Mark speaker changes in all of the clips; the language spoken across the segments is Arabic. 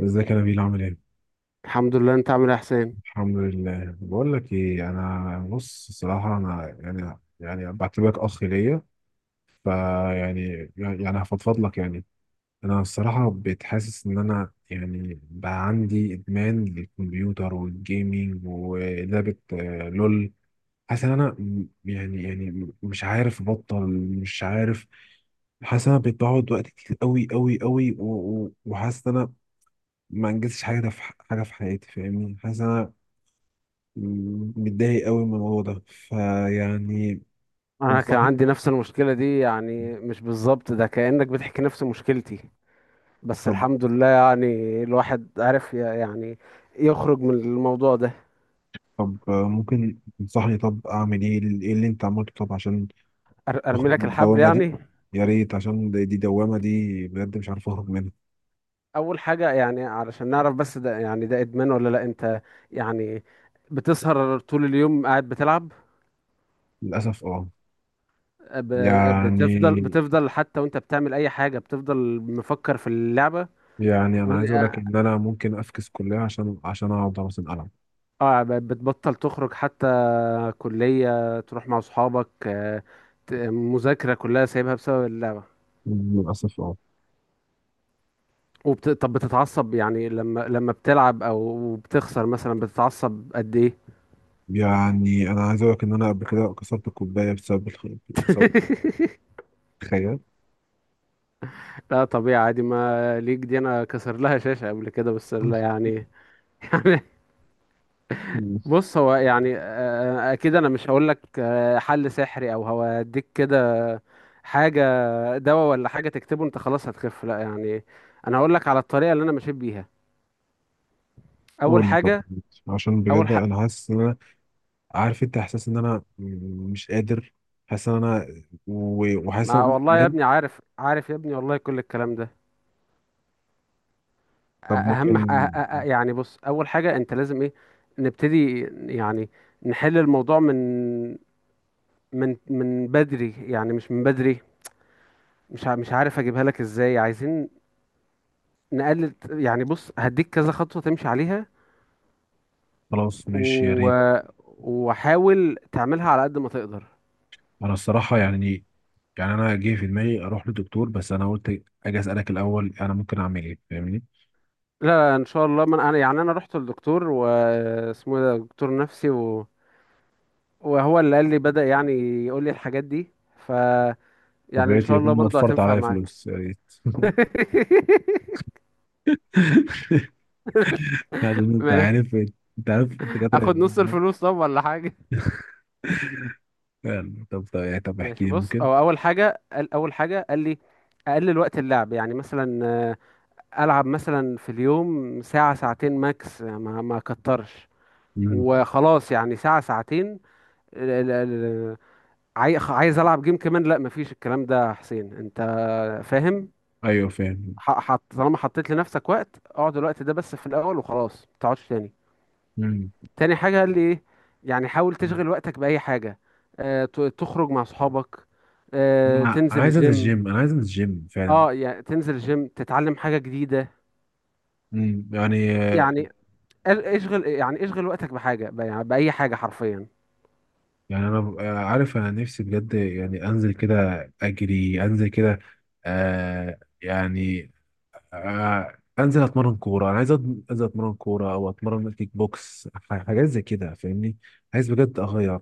Speaker 1: ازيك يا نبيل، عامل ايه؟
Speaker 2: الحمد لله. انت عامل ايه يا حسين؟
Speaker 1: الحمد لله. بقول لك ايه، انا بص، الصراحه انا يعني بعتبرك اخ ليا. فيعني هفضفض لك، يعني. انا الصراحه بقيت حاسس ان انا يعني بقى عندي ادمان للكمبيوتر والجيمينج ولعبه، لول. حاسس ان انا يعني مش عارف ابطل. مش عارف. حاسس ان انا بقيت بقعد وقت كتير قوي قوي قوي، وحاسس ان انا ما انجزتش حاجه حاجه في حياتي، فاهمني. حاسس ان انا متضايق قوي من الموضوع ده، فيعني.
Speaker 2: انا كان
Speaker 1: انصحني.
Speaker 2: عندي نفس المشكله دي، يعني مش بالظبط، ده كانك بتحكي نفس مشكلتي. بس
Speaker 1: طب.
Speaker 2: الحمد لله، يعني الواحد عرف يعني يخرج من الموضوع ده.
Speaker 1: طب ممكن تنصحني، طب اعمل ايه اللي انت عملته، طب عشان
Speaker 2: ارمي
Speaker 1: تخرج
Speaker 2: لك
Speaker 1: من
Speaker 2: الحبل
Speaker 1: الدوامه دي.
Speaker 2: يعني.
Speaker 1: يا ريت، عشان دي دوامه دي بجد مش عارف اخرج منها.
Speaker 2: اول حاجه، يعني علشان نعرف بس ده يعني ده ادمان ولا لا. انت يعني بتسهر طول اليوم قاعد بتلعب؟
Speaker 1: للاسف، اه. يعني.
Speaker 2: بتفضل بتفضل حتى وانت بتعمل اي حاجه بتفضل مفكر في اللعبه.
Speaker 1: يعني انا
Speaker 2: و-
Speaker 1: عايز اقول لك
Speaker 2: اه
Speaker 1: ان انا ممكن افكس كليه عشان اقعد مثلا العب.
Speaker 2: بتبطل تخرج حتى؟ كليه، تروح مع اصحابك، مذاكره كلها سايبها بسبب اللعبه.
Speaker 1: للاسف، اه.
Speaker 2: طب بتتعصب يعني لما بتلعب او بتخسر مثلا؟ بتتعصب قد ايه؟
Speaker 1: يعني انا عايز اقول لك ان انا قبل كده كسرت الكوبايه بسبب الخيال.
Speaker 2: لا طبيعي عادي ما ليك، دي انا كسر لها شاشة قبل كده، بس لا يعني. بص، هو يعني اكيد انا مش هقول لك حل سحري او هوديك كده حاجه، دواء ولا حاجه تكتبه انت خلاص هتخف، لا يعني. انا هقول لك على الطريقه اللي انا مشيت بيها. اول
Speaker 1: قول لي طب.
Speaker 2: حاجه،
Speaker 1: عشان
Speaker 2: اول
Speaker 1: بجد
Speaker 2: حق.
Speaker 1: انا حاسس ان انا عارف انت احساس ان انا مش قادر، حاسس ان انا، وحاسس
Speaker 2: ما
Speaker 1: ان
Speaker 2: والله يا
Speaker 1: بجد.
Speaker 2: ابني، عارف عارف يا ابني والله، كل الكلام ده. أ-
Speaker 1: طب
Speaker 2: اهم ح- أ-
Speaker 1: ممكن.
Speaker 2: أ- أ- يعني بص، اول حاجه انت لازم ايه؟ نبتدي يعني نحل الموضوع من بدري، يعني مش من بدري. مش عارف اجيبها لك ازاي. عايزين نقلل. يعني بص، هديك كذا خطوة تمشي عليها،
Speaker 1: خلاص ماشي، يا
Speaker 2: و...
Speaker 1: ريت.
Speaker 2: وحاول تعملها على قد ما تقدر.
Speaker 1: انا الصراحه، يعني. يعني انا جه في دماغي اروح للدكتور، بس انا قلت اجي اسالك الاول انا ممكن اعمل ايه، فاهمني.
Speaker 2: لا، لا، ان شاء الله. من انا يعني انا رحت للدكتور واسمه ده دكتور نفسي، وهو اللي قال لي، بدأ يعني يقول لي الحاجات دي، ف يعني ان
Speaker 1: طبيعي
Speaker 2: شاء الله
Speaker 1: يكون
Speaker 2: برضو
Speaker 1: وفرت
Speaker 2: هتنفع
Speaker 1: عليا
Speaker 2: معاك.
Speaker 1: فلوس يا ريت. عشان انت
Speaker 2: ماشي.
Speaker 1: عارف. انت عارف الدكاتره،
Speaker 2: اخد نص
Speaker 1: يعني.
Speaker 2: الفلوس طب ولا حاجة.
Speaker 1: طب يعني، طب احكي
Speaker 2: ماشي
Speaker 1: لي
Speaker 2: بص،
Speaker 1: ممكن.
Speaker 2: هو اول حاجة قال لي اقلل وقت اللعب، يعني مثلا العب مثلا في اليوم ساعة ساعتين ماكس، ما اكترش.
Speaker 1: مم.
Speaker 2: وخلاص يعني ساعة ساعتين. ال- ال- ال- عايز العب جيم كمان؟ لا، مفيش الكلام ده يا حسين، انت فاهم؟
Speaker 1: ايوه، فاهم.
Speaker 2: حط طالما حطيت لنفسك وقت، اقعد الوقت ده بس في الاول وخلاص، ما تقعدش تاني.
Speaker 1: مم.
Speaker 2: تاني حاجة قال لي ايه؟ يعني حاول تشغل وقتك بأي حاجة. اه، تخرج مع صحابك، اه تنزل الجيم.
Speaker 1: انا عايز انزل الجيم فعلا.
Speaker 2: اه يعني تنزل الجيم، تتعلم حاجة جديدة.
Speaker 1: يعني.
Speaker 2: يعني اشغل وقتك بحاجه، يعني باي حاجه حرفيا.
Speaker 1: يعني انا عارف انا نفسي بجد يعني انزل كده. اجري انزل كده. يعني. انزل اتمرن كوره، انا انزل اتمرن كوره او اتمرن كيك بوكس، حاجات زي كده، فاهمني. عايز بجد اغير.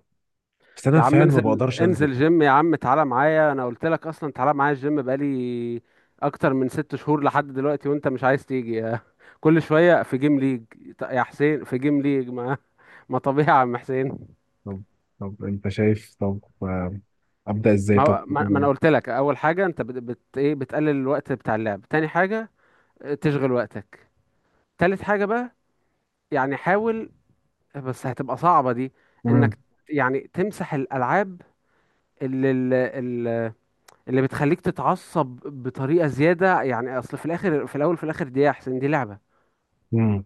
Speaker 1: بس انا
Speaker 2: يا عم
Speaker 1: فعلا ما
Speaker 2: انزل
Speaker 1: بقدرش انزل.
Speaker 2: انزل جيم يا عم، تعالى معايا، انا قلت لك اصلا تعالى معايا الجيم بقالي اكتر من ست شهور لحد دلوقتي وانت مش عايز تيجي يا... كل شويه في جيم ليج، يا حسين في جيم ليج، ما... ما طبيعي يا عم حسين.
Speaker 1: طب. طب انت شايف، طب. ابدا ازاي
Speaker 2: ما
Speaker 1: طب؟
Speaker 2: هو- ما ما انا قلت لك اول حاجه، انت بت ايه؟ بتقلل الوقت بتاع اللعب. تاني حاجه، اه، تشغل وقتك. تالت حاجه بقى، يعني حاول، بس هتبقى صعبه دي،
Speaker 1: امم.
Speaker 2: انك يعني تمسح الالعاب اللي اللي اللي بتخليك تتعصب بطريقة زيادة. يعني اصل في الاخر، في الاول، في الاخر، دي يا حسين دي لعبة
Speaker 1: امم.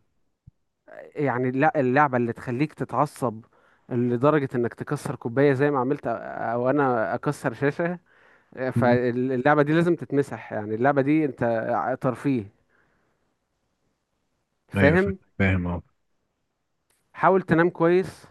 Speaker 2: يعني. لا، اللعبة اللي تخليك تتعصب لدرجة انك تكسر كوباية زي ما عملت، او انا اكسر شاشة، فاللعبة دي لازم تتمسح. يعني اللعبة دي انت ترفيه،
Speaker 1: ايوه، فاهم.
Speaker 2: فاهم؟
Speaker 1: فاهم، اه.
Speaker 2: حاول تنام كويس،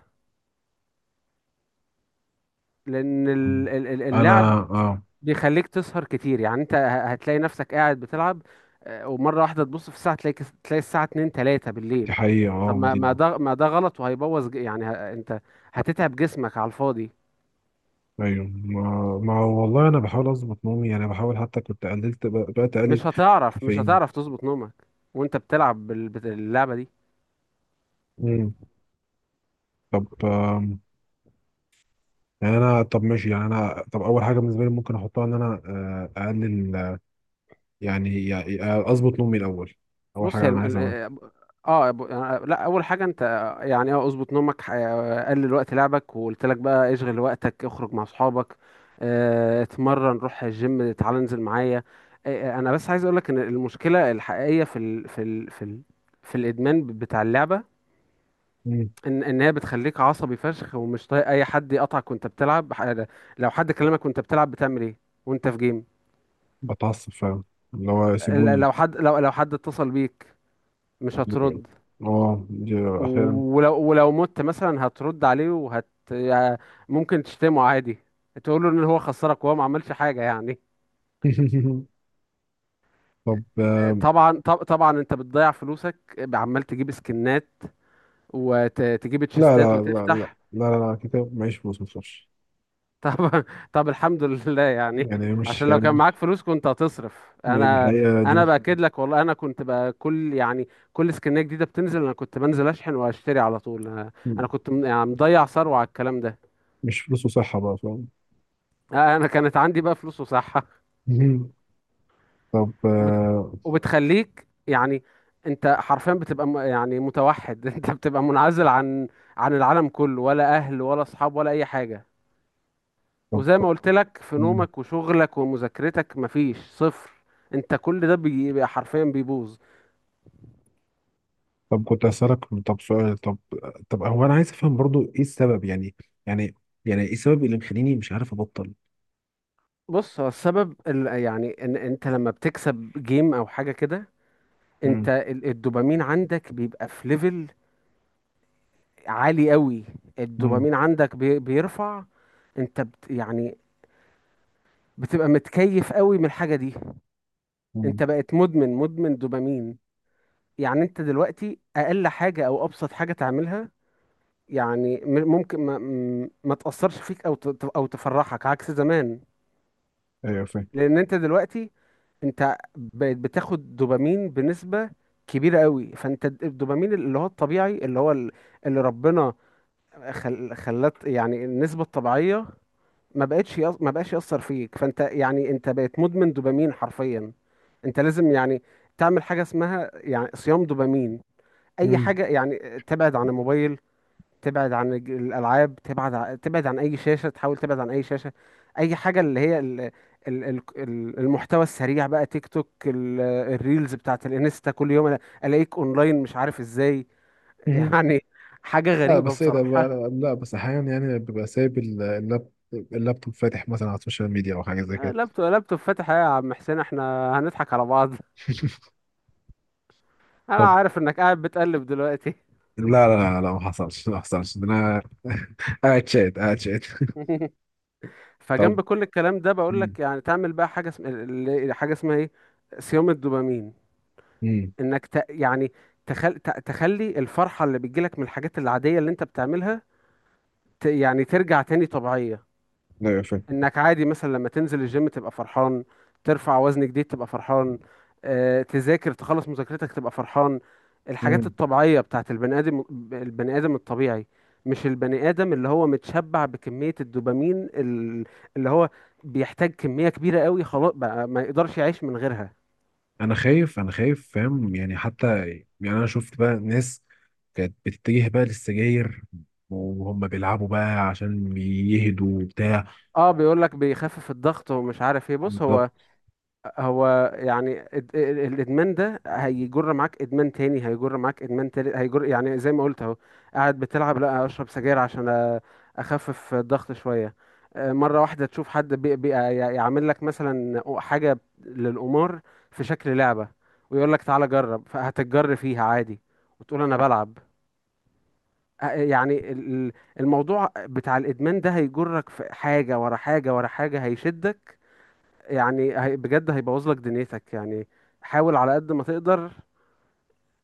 Speaker 2: لان
Speaker 1: انا،
Speaker 2: اللعب
Speaker 1: اه.
Speaker 2: بيخليك تسهر كتير، يعني انت هتلاقي نفسك قاعد بتلعب، ومرة واحدة تبص في الساعة، تلاقي تلاقي الساعة 2 3
Speaker 1: دي
Speaker 2: بالليل.
Speaker 1: حقيقة،
Speaker 2: طب
Speaker 1: اه، دي.
Speaker 2: ما ده غلط، وهيبوظ، يعني انت هتتعب جسمك على الفاضي.
Speaker 1: ايوه، ما والله انا بحاول اظبط نومي، يعني بحاول حتى كنت قللت بقيت اقلل.
Speaker 2: مش
Speaker 1: كافيين.
Speaker 2: هتعرف تظبط نومك وانت بتلعب اللعبة دي.
Speaker 1: امم. طب. يعني انا طب ماشي، يعني انا طب اول حاجة بالنسبة لي ممكن احطها ان انا اقلل يعني اظبط نومي الاول. اول
Speaker 2: بص
Speaker 1: حاجة
Speaker 2: هي
Speaker 1: انا
Speaker 2: الم...
Speaker 1: عايز اعملها.
Speaker 2: ال- اه ب- يعني لا، اول حاجه انت، يعني اظبط نومك، قلل وقت لعبك، وقلت لك بقى اشغل وقتك، اخرج مع اصحابك، اتمرن، روح الجيم، تعالى انزل معايا. انا بس عايز اقول لك ان المشكله الحقيقيه في الادمان بتاع اللعبه،
Speaker 1: امم.
Speaker 2: ان هي بتخليك عصبي فشخ، ومش طايق اي حد يقطعك وانت بتلعب. لو حد كلمك وانت بتلعب بتعمل ايه؟ وانت في جيم،
Speaker 1: بتعصب فعلا. اللي هو
Speaker 2: ال-
Speaker 1: سيبوني.
Speaker 2: لو حد لو لو حد اتصل بيك مش هترد،
Speaker 1: اه، دي. احيانا.
Speaker 2: ولو مت مثلا هترد عليه، ممكن تشتمه عادي، تقول له ان هو خسرك وهو ما عملش حاجه يعني.
Speaker 1: طب.
Speaker 2: طبعا طبعا انت بتضيع فلوسك، عمال تجيب سكنات وتجيب
Speaker 1: لا،
Speaker 2: تشيستات
Speaker 1: لا، لا، لا. لا،
Speaker 2: وتفتح.
Speaker 1: لا، لا، كده معيش فلوس، ما تخافش.
Speaker 2: طب طب الحمد لله يعني،
Speaker 1: يعني مش.
Speaker 2: عشان لو كان معاك فلوس كنت هتصرف.
Speaker 1: ما دي
Speaker 2: انا،
Speaker 1: حقيقة دي.
Speaker 2: انا باكد لك والله، انا كنت بقى كل يعني كل سكنيه جديده بتنزل انا كنت بنزل اشحن واشتري على طول. انا،
Speaker 1: مم.
Speaker 2: أنا كنت يعني مضيع ثروه على الكلام ده.
Speaker 1: مش فلوس وصحة، بقى فاهم.
Speaker 2: انا كانت عندي بقى فلوس وصحه،
Speaker 1: مم. طب
Speaker 2: وبت...
Speaker 1: آه،
Speaker 2: وبتخليك يعني انت حرفيا بتبقى يعني متوحد. انت بتبقى منعزل عن العالم كله، ولا اهل ولا اصحاب ولا اي حاجة.
Speaker 1: طب.
Speaker 2: وزي ما قلت لك في
Speaker 1: مم.
Speaker 2: نومك وشغلك ومذاكرتك مفيش صفر، انت كل ده بيبقى حرفيا بيبوظ.
Speaker 1: طب كنت هسألك. طب سؤال، طب. طب هو أنا عايز أفهم برضو إيه السبب، يعني. يعني. يعني إيه السبب اللي مخليني مش عارف أبطل؟
Speaker 2: بص، هو السبب يعني ان انت لما بتكسب جيم او حاجة كده، انت
Speaker 1: مم.
Speaker 2: الدوبامين عندك بيبقى في ليفل عالي قوي.
Speaker 1: مم.
Speaker 2: الدوبامين عندك بيرفع. انت يعني بتبقى متكيف قوي من الحاجة دي.
Speaker 1: مم.
Speaker 2: انت بقت مدمن مدمن دوبامين. يعني انت دلوقتي اقل حاجة او ابسط حاجة تعملها، يعني م- ممكن ما م- ما تأثرش فيك او او تفرحك عكس زمان،
Speaker 1: أيوه، فاهم.
Speaker 2: لان انت دلوقتي، انت بقيت بتاخد دوبامين بنسبة كبيرة قوي. فانت الدوبامين اللي هو الطبيعي، اللي هو اللي ربنا خلت يعني النسبة الطبيعية ما بقتش يص... ما بقاش يأثر فيك. فانت يعني انت بقيت مدمن دوبامين حرفيا. انت لازم يعني تعمل حاجة اسمها يعني صيام دوبامين. اي
Speaker 1: مم.
Speaker 2: حاجة، يعني تبعد عن الموبايل، تبعد عن الالعاب، تبعد تبعد عن اي شاشة، تحاول تبعد عن اي شاشة. اي حاجة اللي هي المحتوى السريع بقى، تيك توك، الريلز بتاعت الانستا. كل يوم أنا الاقيك اونلاين، مش عارف ازاي.
Speaker 1: مم.
Speaker 2: يعني حاجة
Speaker 1: لا،
Speaker 2: غريبة
Speaker 1: بس إيه ده
Speaker 2: بصراحة.
Speaker 1: بقى؟ لا بس أحيانا، يعني ببقى سايب اللابتوب فاتح، مثلا على السوشيال ميديا أو حاجة زي كده.
Speaker 2: لابتوب لابتوب فاتح إيه يا عم حسين، احنا هنضحك على بعض؟ انا
Speaker 1: طب.
Speaker 2: عارف انك قاعد بتقلب دلوقتي.
Speaker 1: لا، لا، لا، لا، ما حصلش ما حصلش، ده أنا قاعد شات، قاعد شات. طب.
Speaker 2: فجنب كل الكلام ده بقول
Speaker 1: مم.
Speaker 2: لك، يعني تعمل بقى حاجه اسمها ايه؟ صيام الدوبامين.
Speaker 1: مم.
Speaker 2: انك يعني تخلي الفرحه اللي بتجيلك من الحاجات العاديه اللي انت بتعملها يعني ترجع تاني طبيعيه.
Speaker 1: أيوه، فاهم.
Speaker 2: انك عادي مثلا لما تنزل الجيم تبقى فرحان، ترفع وزن جديد تبقى فرحان، تذاكر تخلص مذاكرتك تبقى فرحان. الحاجات
Speaker 1: مم.
Speaker 2: الطبيعية بتاعت البني آدم، البني آدم الطبيعي، مش البني آدم اللي هو متشبع بكمية الدوبامين، اللي هو بيحتاج كمية كبيرة قوي، خلاص بقى ما يقدرش يعيش من غيرها.
Speaker 1: انا خايف، انا خايف، فاهم يعني، حتى يعني انا شفت بقى ناس كانت بتتجه بقى للسجاير، وهم بيلعبوا بقى عشان يهدوا وبتاع.
Speaker 2: اه، بيقول لك بيخفف الضغط ومش عارف ايه. بص هو،
Speaker 1: بالظبط.
Speaker 2: هو يعني الادمان ده هيجر معاك ادمان تاني، هيجر معاك ادمان تالت، هيجر يعني زي ما قلت اهو. قاعد بتلعب، لا اشرب سجاير عشان أ- اخفف الضغط شويه. مره واحده تشوف حد يعمل لك مثلا حاجه للقمار في شكل لعبه، ويقول لك تعالى جرب، فهتتجر فيها عادي، وتقول انا بلعب. يعني الموضوع بتاع الادمان ده هيجرك في حاجه ورا حاجه ورا حاجه، هيشدك، يعني بجد هيبوظ لك دنيتك يعني. حاول على قد ما تقدر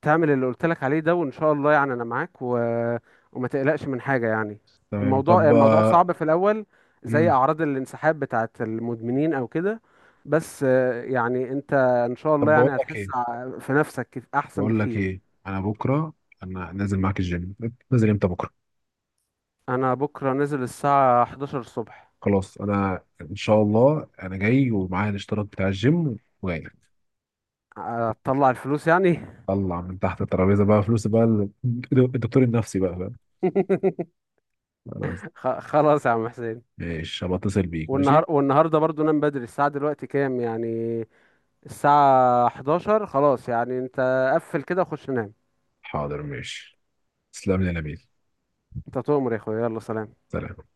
Speaker 2: تعمل اللي قلت لك عليه ده، وان شاء الله يعني انا معاك، وما تقلقش من حاجة يعني.
Speaker 1: تمام،
Speaker 2: الموضوع
Speaker 1: طب
Speaker 2: الموضوع
Speaker 1: آه،
Speaker 2: صعب في الاول، زي
Speaker 1: مم.
Speaker 2: اعراض الانسحاب بتاعت المدمنين او كده. بس يعني انت ان شاء
Speaker 1: طب
Speaker 2: الله
Speaker 1: بقول
Speaker 2: يعني
Speaker 1: لك
Speaker 2: هتحس
Speaker 1: ايه.
Speaker 2: في نفسك احسن
Speaker 1: بقول لك
Speaker 2: بكتير.
Speaker 1: ايه. انا بكره. انا نازل معاك الجيم. نازل امتى؟ بكره.
Speaker 2: انا بكرة نزل الساعة 11 الصبح.
Speaker 1: خلاص، انا ان شاء الله انا جاي ومعايا الاشتراك بتاع الجيم وجاي لك.
Speaker 2: هتطلع الفلوس يعني؟
Speaker 1: طلع من تحت الترابيزه بقى فلوس بقى الدكتور النفسي بقى، فاهم. خلاص.
Speaker 2: خلاص يا عم حسين.
Speaker 1: ماشي، هبقى اتصل بيك، ماشي.
Speaker 2: والنهارده برضو نام بدري، الساعة دلوقتي كام يعني؟ الساعة 11، خلاص يعني انت قفل كده وخش نام.
Speaker 1: حاضر، ماشي. تسلم لي يا نبيل.
Speaker 2: انت تؤمر يا اخويا، يلا سلام.
Speaker 1: سلام.